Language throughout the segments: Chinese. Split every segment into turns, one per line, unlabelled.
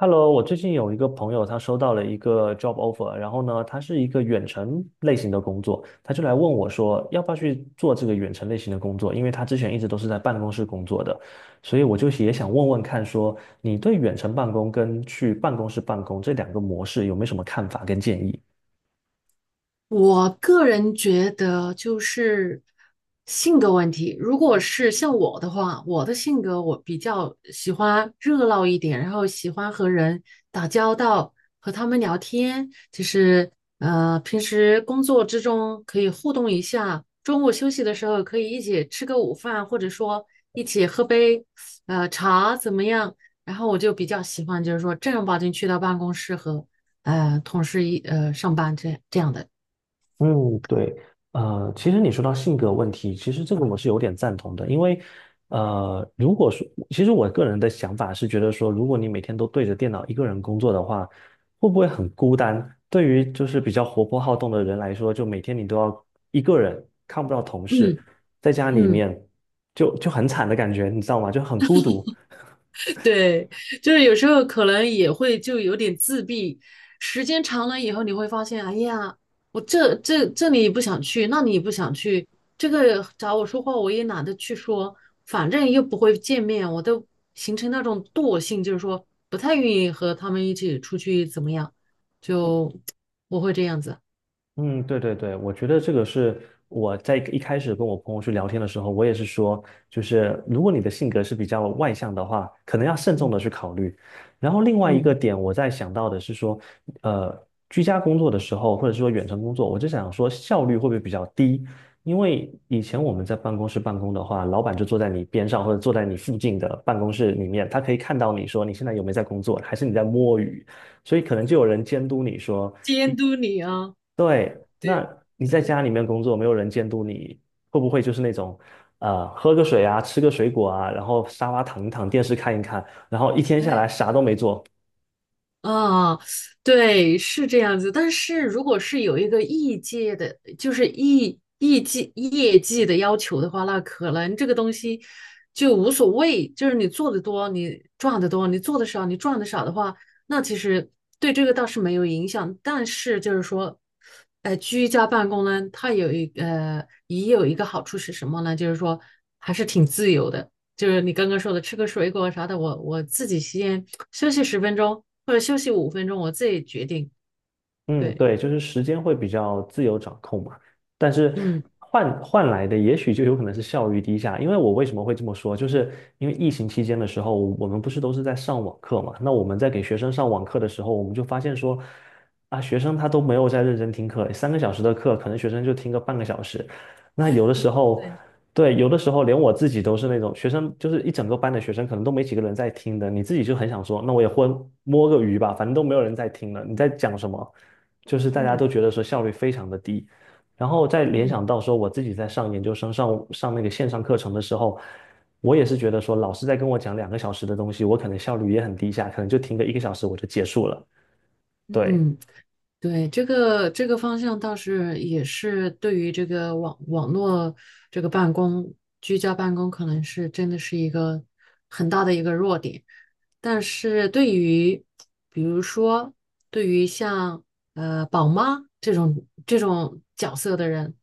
Hello，我最近有一个朋友，他收到了一个 job offer，然后呢，他是一个远程类型的工作，他就来问我说，要不要去做这个远程类型的工作？因为他之前一直都是在办公室工作的，所以我就也想问问看说，你对远程办公跟去办公室办公这两个模式有没有什么看法跟建议？
我个人觉得就是性格问题。如果是像我的话，我的性格我比较喜欢热闹一点，然后喜欢和人打交道，和他们聊天，就是平时工作之中可以互动一下，中午休息的时候可以一起吃个午饭，或者说一起喝杯茶怎么样？然后我就比较喜欢就是说正儿八经去到办公室和同事上班这样的。
嗯，对，其实你说到性格问题，其实这个我是有点赞同的，因为，如果说，其实我个人的想法是觉得说，如果你每天都对着电脑一个人工作的话，会不会很孤单？对于就是比较活泼好动的人来说，就每天你都要一个人，看不到同事，
嗯
在家里
嗯，
面就很惨的感觉，你知道吗？就很孤独。
对，就是有时候可能也会就有点自闭，时间长了以后你会发现，哎呀，我这里不想去，那里也不想去，这个找我说话我也懒得去说，反正又不会见面，我都形成那种惰性，就是说不太愿意和他们一起出去怎么样，就我会这样子。
嗯，对对对，我觉得这个是我在一开始跟我朋友去聊天的时候，我也是说，就是如果你的性格是比较外向的话，可能要慎重
嗯
的去考虑。然后另外一个
嗯，
点，我在想到的是说，呃，居家工作的时候，或者是说远程工作，我就想说效率会不会比较低？因为以前我们在办公室办公的话，老板就坐在你边上或者坐在你附近的办公室里面，他可以看到你说你现在有没有在工作，还是你在摸鱼。所以可能就有人监督你说，
监督你啊。
对，
对。
那你在家里面工作，没有人监督你，会不会就是那种，喝个水啊，吃个水果啊，然后沙发躺一躺，电视看一看，然后一天下来
哎。
啥都没做，
啊，对，是这样子。但是如果是有一个业界的，就是业绩的要求的话，那可能这个东西就无所谓。就是你做的多，你赚的多；你做的少，你赚的少的话，那其实对这个倒是没有影响。但是就是说，居家办公呢，它也有一个好处是什么呢？就是说还是挺自由的。就是你刚刚说的吃个水果啥的，我自己先休息十分钟或者休息五分钟，我自己决定。
嗯，
对。
对，就是时间会比较自由掌控嘛，但是
嗯，
换来的也许就有可能是效率低下。因为我为什么会这么说，就是因为疫情期间的时候，我们不是都是在上网课嘛？那我们在给学生上网课的时候，我们就发现说，啊，学生他都没有在认真听课，3个小时的课，可能学生就听个半个小时。那有的时候，
对。
对，有的时候连我自己都是那种学生，就是一整个班的学生，可能都没几个人在听的，你自己就很想说，那我也混摸个鱼吧，反正都没有人在听了，你在讲什么？就是大家
嗯
都觉得说效率非常的低，然后再联想
嗯
到说我自己在上研究生上那个线上课程的时候，我也是觉得说老师在跟我讲2个小时的东西，我可能效率也很低下，可能就听个一个小时我就结束了。对，
嗯。对，这个方向倒是也是对于这个网络这个办公、居家办公，可能是真的是一个很大的一个弱点。但是对于比如说对于像宝妈这种角色的人，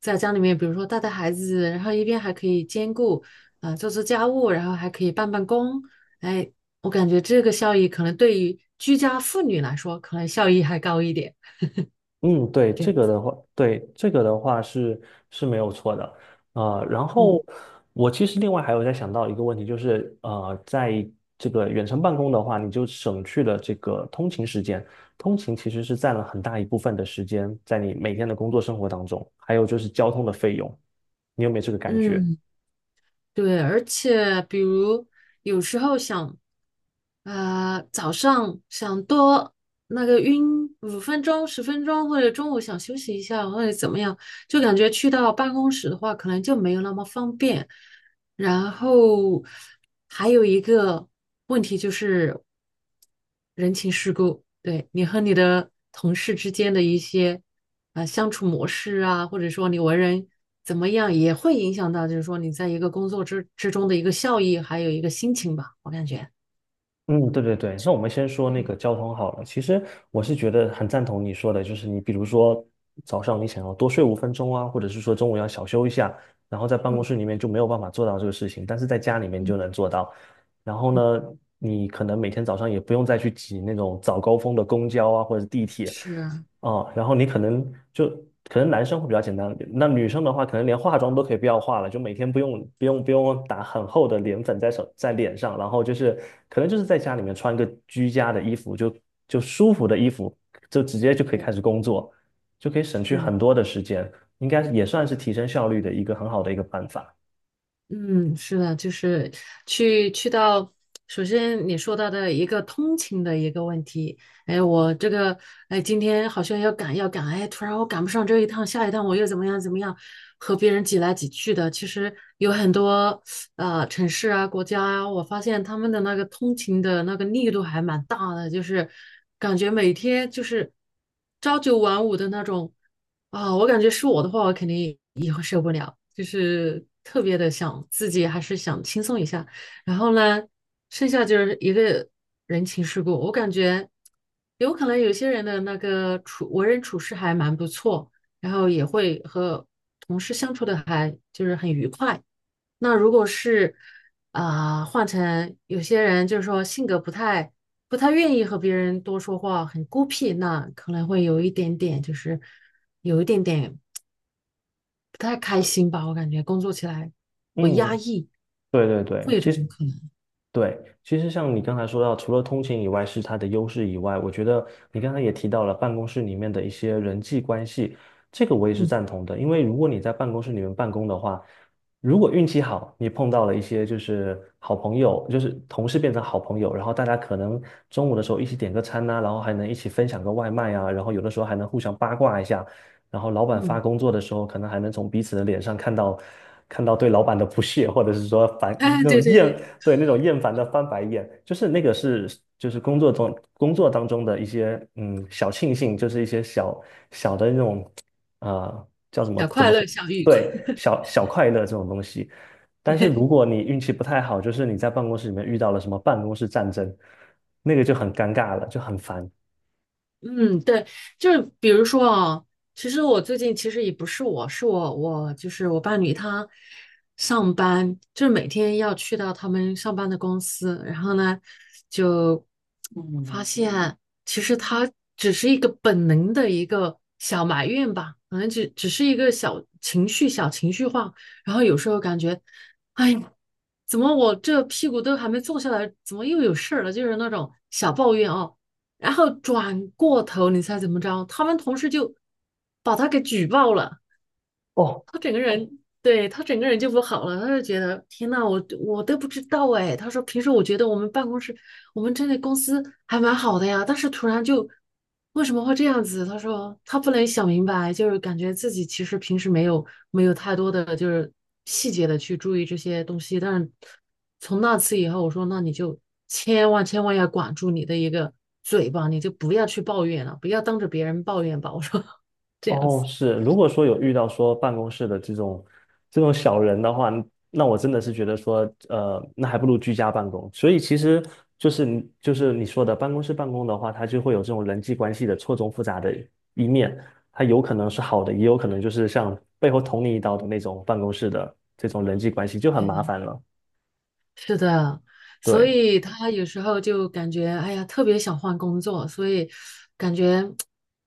在家里面，比如说带孩子，然后一边还可以兼顾做家务，然后还可以办公，哎，我感觉这个效益可能对于居家妇女来说，可能效益还高一点。
嗯，对，这
对。
个的话，对，这个的话是没有错的，然
嗯
后我其实另外还有在想到一个问题，就是在这个远程办公的话，你就省去了这个通勤时间，通勤其实是占了很大一部分的时间在你每天的工作生活当中，还有就是交通的费用，你有没有这个感觉？
嗯，对，而且比如有时候想，早上想多那个晕五分钟、十分钟，或者中午想休息一下，或者怎么样，就感觉去到办公室的话，可能就没有那么方便。然后还有一个问题就是人情世故，对你和你的同事之间的一些相处模式啊，或者说你为人怎么样，也会影响到就是说你在一个工作之中的一个效益，还有一个心情吧，我感觉。
嗯，对对对，那我们先说那个交通好了。其实我是觉得很赞同你说的，就是你比如说早上你想要多睡5分钟啊，或者是说中午要小休一下，然后在办公室
嗯
里面就没有办法做到这个事情，但是在家里面你
嗯
就能做到。然后
嗯，
呢，你可能每天早上也不用再去挤那种早高峰的公交啊或者地铁，
是，
哦，然后你可能就可能男生会比较简单，那女生的话，可能连化妆都可以不要化了，就每天不用打很厚的脸粉在手在脸上，然后就是可能就是在家里面穿个居家的衣服，就舒服的衣服，就直接就可以
对，
开始工作，就可以省去
是。
很多的时间，应该也算是提升效率的一个很好的一个办法。
嗯，是的，就是去到，首先你说到的一个通勤的一个问题，哎，我这个，哎，今天好像要赶，哎，突然我赶不上这一趟，下一趟我又怎么样怎么样，和别人挤来挤去的。其实有很多城市啊、国家啊，我发现他们的那个通勤的那个力度还蛮大的，就是感觉每天就是朝九晚五的那种。啊，我感觉是我的话，我肯定也会受不了，就是特别的想自己还是想轻松一下。然后呢，剩下就是一个人情世故，我感觉有可能有些人的那个为人处事还蛮不错，然后也会和同事相处的还就是很愉快。那如果是啊、换成有些人就是说性格不太愿意和别人多说话，很孤僻，那可能会有一点点就是有一点点不太开心吧，我感觉工作起来会压
嗯，
抑，
对对
会
对，
有这
其
种
实
可能。
对，其实像你刚才说到，除了通勤以外是它的优势以外，我觉得你刚才也提到了办公室里面的一些人际关系，这个我也是
嗯
赞同的。因为如果你在办公室里面办公的话，如果运气好，你碰到了一些就是好朋友，就是同事变成好朋友，然后大家可能中午的时候一起点个餐呐、然后还能一起分享个外卖啊，然后有的时候还能互相八卦一下，然后老板发
嗯，
工作的时候，可能还能从彼此的脸上看到对老板的不屑，或者是说 反
哎，
那
对
种
对
厌
对，
对，那种厌烦的翻白眼，就是那个是就是工作当中的一些嗯小庆幸，就是一些小小的那种叫什么
小
怎
快
么
乐，
说？
小愉快。
对，小小快乐这种东西。但是如 果你运气不太好，就是你在办公室里面遇到了什么办公室战争，那个就很尴尬了，就很烦。
嗯，对，就是比如说啊，其实我最近其实也不是我，是我就是我伴侣他上班，就是每天要去到他们上班的公司，然后呢，就发现其实他只是一个本能的一个小埋怨吧，可能只是一个小情绪、小情绪化，然后有时候感觉，哎呀，怎么我这屁股都还没坐下来，怎么又有事儿了？就是那种小抱怨啊、然后转过头，你猜怎么着？他们同事就把他给举报了。
哦，
他整个人，对，他整个人就不好了，他就觉得天呐，我都不知道哎。他说平时我觉得我们办公室，我们这里公司还蛮好的呀，但是突然就为什么会这样子？他说他不能想明白，就是感觉自己其实平时没有太多的就是细节的去注意这些东西，但是从那次以后，我说那你就千万千万要管住你的一个嘴巴，你就不要去抱怨了，不要当着别人抱怨吧。我说 这样
哦，
子。
是，如果说有遇到说办公室的这种小人的话，那我真的是觉得说，那还不如居家办公。所以其实就是你说的办公室办公的话，它就会有这种人际关系的错综复杂的一面，它有可能是好的，也有可能就是像背后捅你一刀的那种办公室的这种人际关系就很麻
对，
烦了。
是的。所
对。
以他有时候就感觉，哎呀，特别想换工作，所以感觉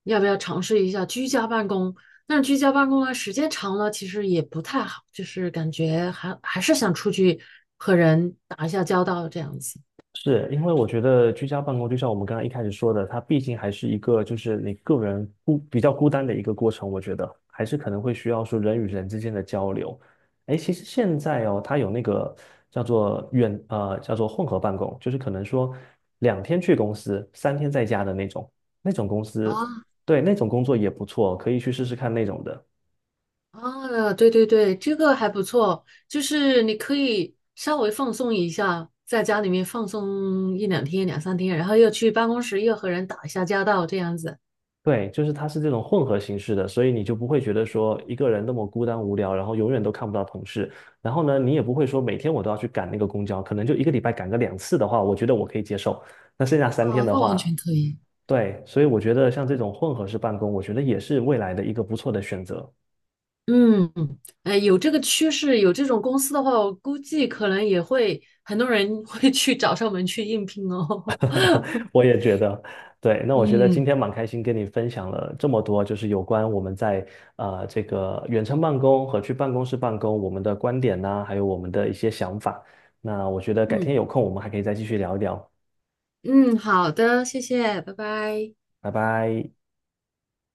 要不要尝试一下居家办公？但是居家办公呢，时间长了其实也不太好，就是感觉还是想出去和人打一下交道这样子。
是因为我觉得居家办公，就像我们刚刚一开始说的，它毕竟还是一个就是你个人孤比较孤单的一个过程。我觉得还是可能会需要说人与人之间的交流。哎，其实现在哦，它有那个叫做叫做混合办公，就是可能说2天去公司，三天在家的那种，那种公司，
啊
对，那种工作也不错，可以去试试看那种的。
啊，对对对，这个还不错，就是你可以稍微放松一下，在家里面放松一两天、两三天，然后又去办公室又和人打一下交道这样子。
对，就是它是这种混合形式的，所以你就不会觉得说一个人那么孤单无聊，然后永远都看不到同事。然后呢，你也不会说每天我都要去赶那个公交，可能就一个礼拜赶个2次的话，我觉得我可以接受。那剩下三天
啊，
的
那完
话，
全可以。
对，所以我觉得像这种混合式办公，我觉得也是未来的一个不错的选择。
嗯，有这个趋势，有这种公司的话，我估计可能也会很多人 会去找上门去应聘哦。
我也觉得，对。那我觉得今
嗯
天蛮开心跟你分享了这么多，就是有关我们在这个远程办公和去办公室办公我们的观点呐、还有我们的一些想法。那我觉得改
嗯
天有空我们还可以再继续聊一聊。
嗯，好的，谢谢，拜拜。
拜拜。